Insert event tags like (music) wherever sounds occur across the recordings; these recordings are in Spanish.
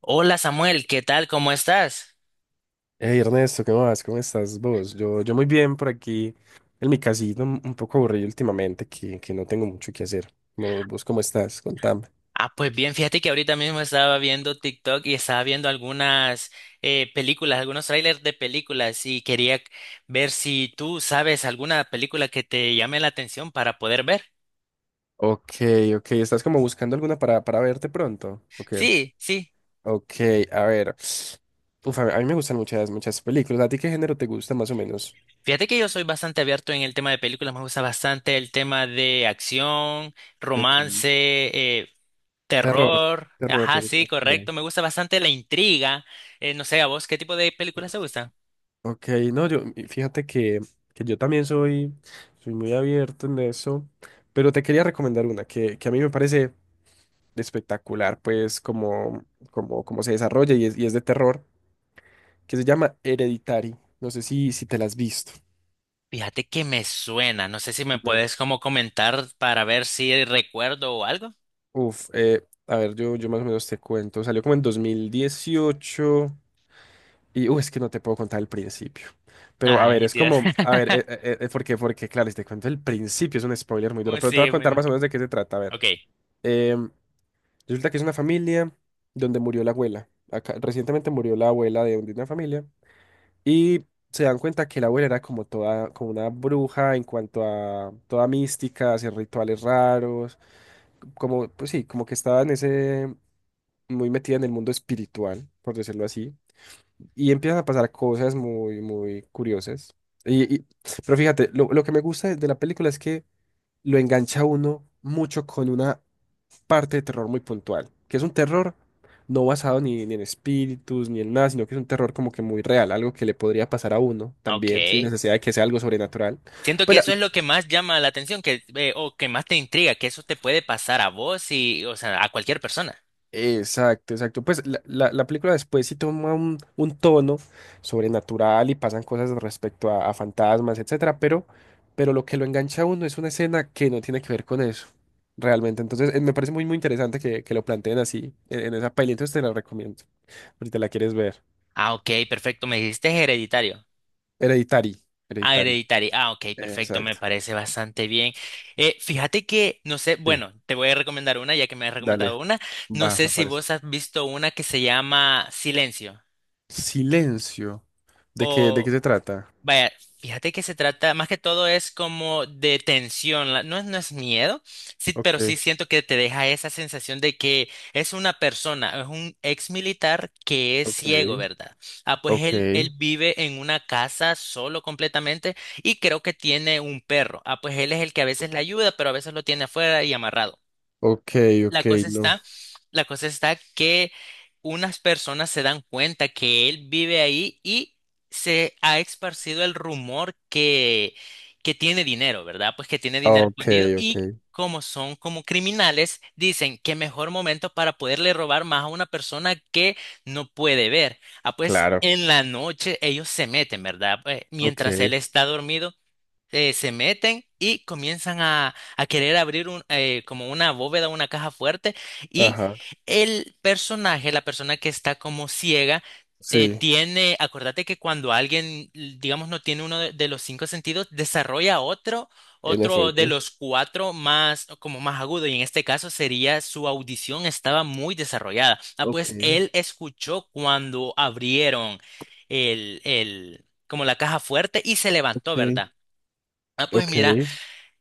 Hola Samuel, ¿qué tal? ¿Cómo estás? Hey Ernesto, ¿qué más? ¿Cómo estás vos? Yo muy bien por aquí, en mi casita, un poco aburrido últimamente, que no tengo mucho que hacer. ¿Vos cómo estás? Contame. Pues bien, fíjate que ahorita mismo estaba viendo TikTok y estaba viendo algunas películas, algunos trailers de películas y quería ver si tú sabes alguna película que te llame la atención para poder ver. Ok, ok, ¿estás como buscando alguna para verte pronto? Ok, Sí, sí. ok, a ver. Uf, a mí me gustan muchas, muchas películas. ¿A ti qué género te gusta más o menos? Fíjate que yo soy bastante abierto en el tema de películas, me gusta bastante el tema de acción, Ok, romance, terror, terror. terror Ajá, te gusta. sí, Ok, correcto, me gusta bastante la intriga. No sé, ¿a vos qué tipo de películas te gustan? ok, no, yo, y fíjate que yo también soy muy abierto en eso, pero te quería recomendar una que a mí me parece espectacular, pues, como se desarrolla y es de terror, que se llama Hereditary. No sé si te la has visto. Fíjate que me suena, no sé si me No. puedes como comentar para ver si recuerdo o algo. Uf, a ver, yo más o menos te cuento. Salió como en 2018 y, es que no te puedo contar el principio. Pero, a ver, Ay, es Dios. como, a ver, (laughs) porque claro, si te cuento el principio es un spoiler muy Oh, duro, pero te voy a sí, contar más o menos de qué se trata. A ver, Ok, Em, resulta que es una familia donde murió la abuela. Acá, recientemente murió la abuela de una familia. Y se dan cuenta que la abuela era como toda, como una bruja en cuanto a toda mística, hacer rituales raros, como, pues sí, como que estaba en ese, muy metida en el mundo espiritual, por decirlo así. Y empiezan a pasar cosas muy, muy curiosas. Y, y- pero fíjate, lo que me gusta de la película es que lo engancha a uno mucho con una parte de terror muy puntual, que es un terror no basado ni en espíritus ni en nada, sino que es un terror como que muy real, algo que le podría pasar a uno también, sin ok. necesidad de que sea algo sobrenatural. Siento Pues que la- eso es lo que más llama la atención, que o que más te intriga, que eso te puede pasar a vos y, o sea, a cualquier persona. exacto, exacto. Pues la película después sí toma un tono sobrenatural y pasan cosas respecto a fantasmas, etcétera, pero lo que lo engancha a uno es una escena que no tiene que ver con eso. Realmente, entonces me parece muy muy interesante que lo planteen así en esa peli, entonces te la recomiendo, por si te la quieres ver. Ah, ok, perfecto. Me dijiste hereditario. Hereditary. Ah, Hereditary. hereditario. Ah, ok, perfecto. Me Exacto. parece bastante bien. Fíjate que, no sé, Sí. bueno, te voy a recomendar una, ya que me has Dale. recomendado una. No Va, sé me si parece. vos has visto una que se llama Silencio. Silencio. ¿De qué, de O, qué se trata? vaya, fíjate que se trata, más que todo es como de tensión, no es, no es miedo, sí, pero Ok, sí siento que te deja esa sensación de que es una persona, es un ex militar que es ok, ciego, ¿verdad? Ah, pues él, ok, él vive en una casa solo completamente y creo que tiene un perro. Ah, pues él es el que a veces le ayuda, pero a veces lo tiene afuera y amarrado. ok, ok, La cosa no. está, la cosa está que unas personas se dan cuenta que él vive ahí y se ha esparcido el rumor que tiene dinero, ¿verdad? Pues que tiene dinero Ok, escondido ok. y como son como criminales, dicen que mejor momento para poderle robar más a una persona que no puede ver. Ah, pues Claro. en la noche ellos se meten, ¿verdad? Pues, mientras Ok. él está dormido, se meten y comienzan a querer abrir un, como una bóveda, una caja fuerte, y Ajá. el personaje, la persona que está como ciega, sí, Sí, tiene, acuérdate que cuando alguien, digamos, no tiene uno de los cinco sentidos, desarrolla otro, en otro de efecto. los cuatro más, como más agudo, y en este caso sería su audición estaba muy desarrollada. Ah, Ok, pues él escuchó cuando abrieron el, como la caja fuerte y se levantó, ok, ¿verdad? Ah, pues mira, ok.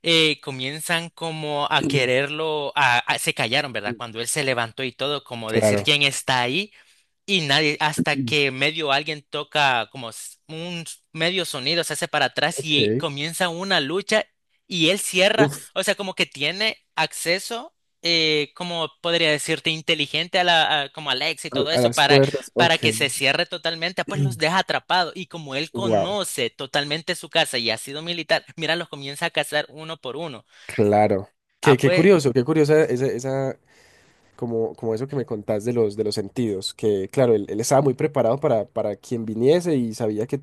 comienzan como a (clears throat) quererlo, se callaron, ¿verdad? Cuando él se levantó y todo, como decir Claro. quién está ahí. Y nadie, hasta Mm. que medio alguien toca como medio sonido, se hace para atrás y Ok. comienza una lucha y él cierra, Uf, o sea, como que tiene acceso, como podría decirte, inteligente a la, como Alex y a, todo a eso, las puertas. para Ok. que se cierre totalmente, ah, pues los deja (clears throat) atrapados y como él Wow. conoce totalmente su casa y ha sido militar, mira, los comienza a cazar uno por uno. Claro. Ah, Qué pues, curioso, qué curiosa esa, como, como eso que me contás de los sentidos, que claro, él estaba muy preparado para quien viniese y sabía que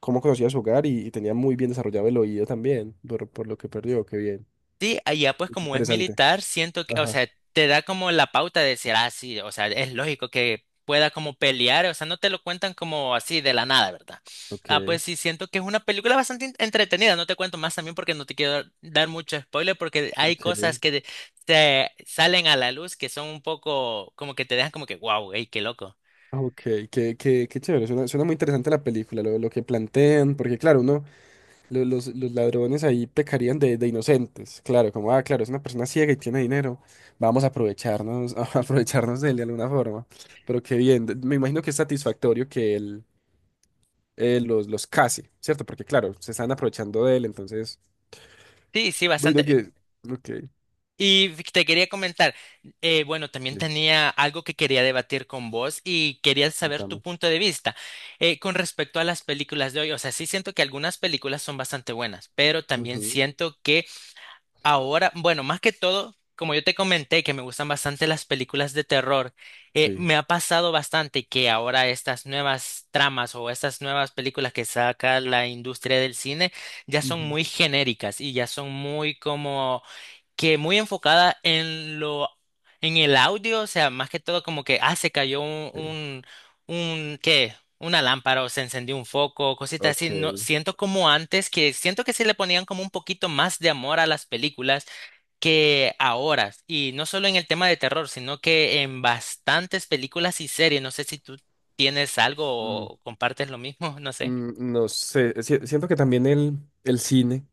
cómo conocía su hogar y tenía muy bien desarrollado el oído también, por lo que perdió, qué bien, sí, allá pues como es interesante. militar, siento que, o Ajá, sea, te da como la pauta de decir, ah, sí, o sea, es lógico que pueda como pelear, o sea, no te lo cuentan como así de la nada, ¿verdad? ok, Ah, pues sí, siento que es una película bastante entretenida, no te cuento más también porque no te quiero dar mucho spoiler porque hay cosas ok, que te salen a la luz que son un poco como que te dejan como que, wow, ey, qué loco. ok, qué, qué chévere, suena, suena muy interesante la película, lo que plantean, porque claro, uno los ladrones ahí pecarían de inocentes, claro, como, ah, claro, es una persona ciega y tiene dinero, vamos a aprovecharnos, (laughs) a aprovecharnos de él de alguna forma. Pero qué bien, me imagino que es satisfactorio que él los case, ¿cierto? Porque claro, se están aprovechando de él, entonces, Sí, sí, bueno, bastante. que, ok, Y te quería comentar, bueno, también sí, tenía algo que quería debatir con vos y quería saber tu contame. punto de vista con respecto a las películas de hoy. O sea, sí siento que algunas películas son bastante buenas, pero también Ujú, siento que ahora, bueno, más que todo, como yo te comenté, que me gustan bastante las películas de terror, Sí. me ha pasado bastante que ahora estas nuevas tramas o estas nuevas películas que saca la industria del cine ya son Ujú. muy genéricas y ya son muy como que muy enfocada en lo, en el audio, o sea, más que todo como que, ah, se cayó Sí, un, ¿qué? Una lámpara o se encendió un foco, cositas así. Ok. No, siento como antes que siento que sí le ponían como un poquito más de amor a las películas que ahora. Y no solo en el tema de terror, sino que en bastantes películas y series. No sé si tú tienes Mm, algo o compartes lo mismo, (laughs) no sé. No sé, siento que también el cine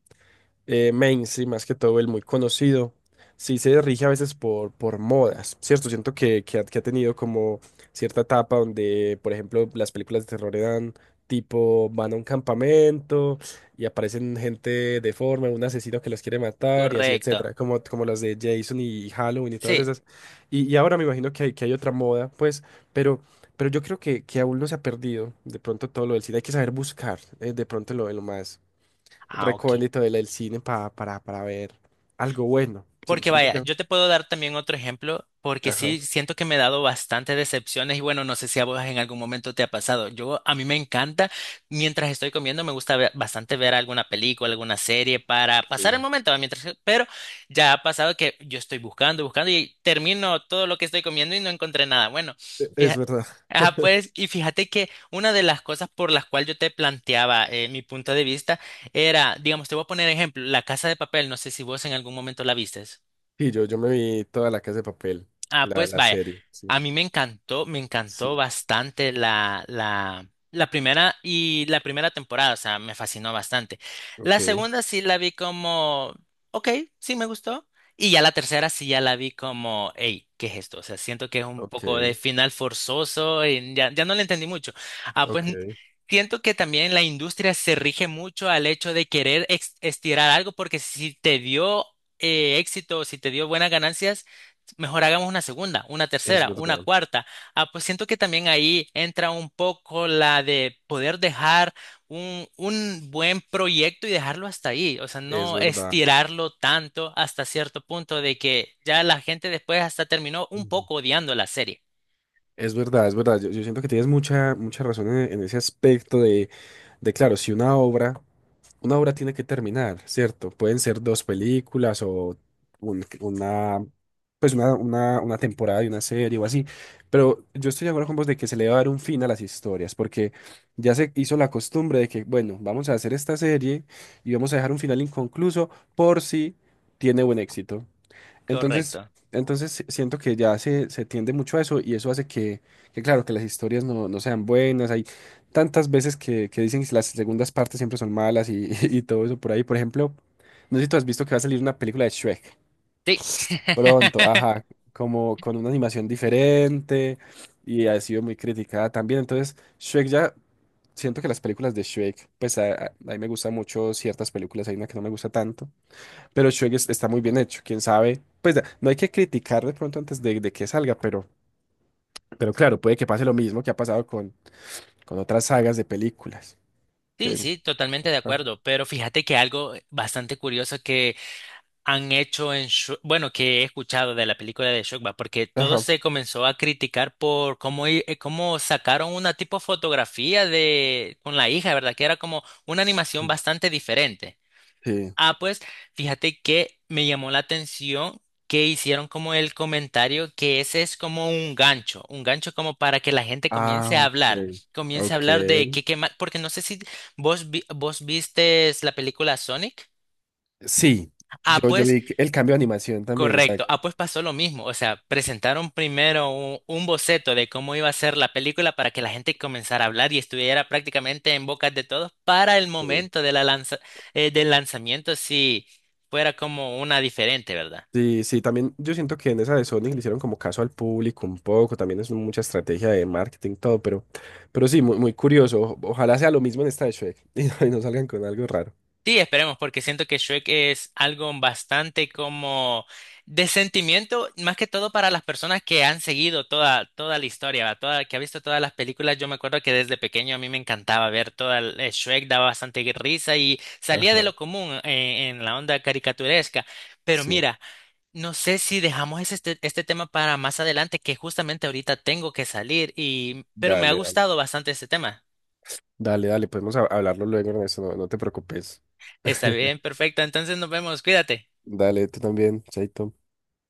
mainstream, más que todo el muy conocido, sí se rige a veces por modas, ¿cierto? Siento que ha tenido como cierta etapa donde, por ejemplo, las películas de terror eran tipo, van a un campamento y aparecen gente deforme, un asesino que los quiere matar y así, Correcto. etcétera, como, como las de Jason y Halloween y todas Sí. esas. Y ahora me imagino que hay otra moda, pues, pero... Pero yo creo que aún no se ha perdido de pronto todo lo del cine. Hay que saber buscar de pronto lo, de lo más Ah, ok. recóndito del, del cine para ver algo bueno. Porque Siento vaya, que yo te puedo dar también otro ejemplo, porque ajá, sí siento que me he dado bastantes decepciones y bueno, no sé si a vos en algún momento te ha pasado. A mí me encanta, mientras estoy comiendo, me gusta bastante ver alguna película, alguna serie para pasar el sí. momento, ¿va? Mientras, pero ya ha pasado que yo estoy buscando y termino todo lo que estoy comiendo y no encontré nada. Bueno, Es fíjate. verdad. Ah, pues, y fíjate que una de las cosas por las cuales yo te planteaba mi punto de vista era, digamos, te voy a poner ejemplo, La Casa de Papel, no sé si vos en algún momento la vistes. Sí, yo me vi toda la Casa de Papel, Ah, la, pues la vaya, serie, sí. a mí me encantó Sí, bastante la primera y la primera temporada, o sea, me fascinó bastante. La ok, segunda sí la vi como, ok, sí me gustó. Y ya la tercera sí ya la vi como, hey, ¿qué es esto? O sea, siento que es un ok, poco de final forzoso y ya, ya no le entendí mucho. Ah, pues ok, n- Siento que también la industria se rige mucho al hecho de querer estirar algo porque si te dio éxito, si te dio buenas ganancias, mejor hagamos una segunda, una es tercera, una verdad, cuarta. Ah, pues siento que también ahí entra un poco la de poder dejar un buen proyecto y dejarlo hasta ahí. O sea, es no verdad. estirarlo tanto hasta cierto punto de que ya la gente después hasta terminó un Ujú. poco odiando la serie. Es verdad, es verdad. Yo siento que tienes mucha, mucha razón en ese aspecto de claro, si una obra una obra tiene que terminar, ¿cierto? Pueden ser dos películas o un- una, una una temporada de una serie o así, pero yo estoy de acuerdo con vos de que se le va a dar un fin a las historias, porque ya se hizo la costumbre de que, bueno, vamos a hacer esta serie y vamos a dejar un final inconcluso por si tiene buen éxito. Entonces, Correcto. entonces si, siento que ya se tiende mucho a eso y eso hace que claro, que las historias no, no sean buenas. Hay tantas veces que dicen que las segundas partes siempre son malas y, (laughs) y todo eso por ahí. Por ejemplo, no sé si tú has visto que va a salir una película de Shrek Sí. pronto, (laughs) ajá, como con una animación diferente y ha sido muy criticada también. Entonces, Shrek ya, siento que las películas de Shrek, pues a, a mí me gustan mucho ciertas películas, hay una que no me gusta tanto pero Shrek está muy bien hecho, quién sabe. Pues no hay que criticar de pronto antes de que salga, pero claro, puede que pase lo mismo que ha pasado con otras sagas de películas. Sí, Que, sí, totalmente de ah, acuerdo, pero fíjate que algo bastante curioso que han hecho en, bueno, que he escuchado de la película de Shrek, porque todo ajá, se comenzó a criticar por cómo, cómo sacaron una tipo fotografía de con la hija, ¿verdad? Que era como una animación bastante diferente. sí. Ah, pues fíjate que me llamó la atención que hicieron como el comentario que ese es como un gancho como para que la gente Ah, ok. comience a Ok. hablar de qué porque no sé si vos vistes la película Sonic. Sí, Ah, yo pues vi que el cambio de animación también, correcto. exacto. Ah, pues pasó lo mismo. O sea, presentaron primero un boceto de cómo iba a ser la película para que la gente comenzara a hablar y estuviera prácticamente en bocas de todos para el Sí, momento de la del lanzamiento, si fuera como una diferente, ¿verdad? sí, sí, también yo siento que en esa de Sonic le hicieron como caso al público un poco, también es mucha estrategia de marketing, todo, pero sí, muy, muy curioso. Ojalá sea lo mismo en esta de Shrek (laughs) y no salgan con algo raro. Sí, esperemos, porque siento que Shrek es algo bastante como de sentimiento, más que todo para las personas que han seguido toda, toda la historia, ¿va? Toda, que ha visto todas las películas. Yo me acuerdo que desde pequeño a mí me encantaba ver toda el, Shrek, daba bastante risa y salía de Ajá, lo común en la onda caricaturesca. Pero sí. mira, no sé si dejamos este, este tema para más adelante, que justamente ahorita tengo que salir y, pero me ha Dale, dale. gustado bastante este tema. Dale, dale, podemos hablarlo luego, Ernesto, no, no te preocupes. Está bien, perfecto. Entonces nos vemos, cuídate. Dale, tú también, Chaito.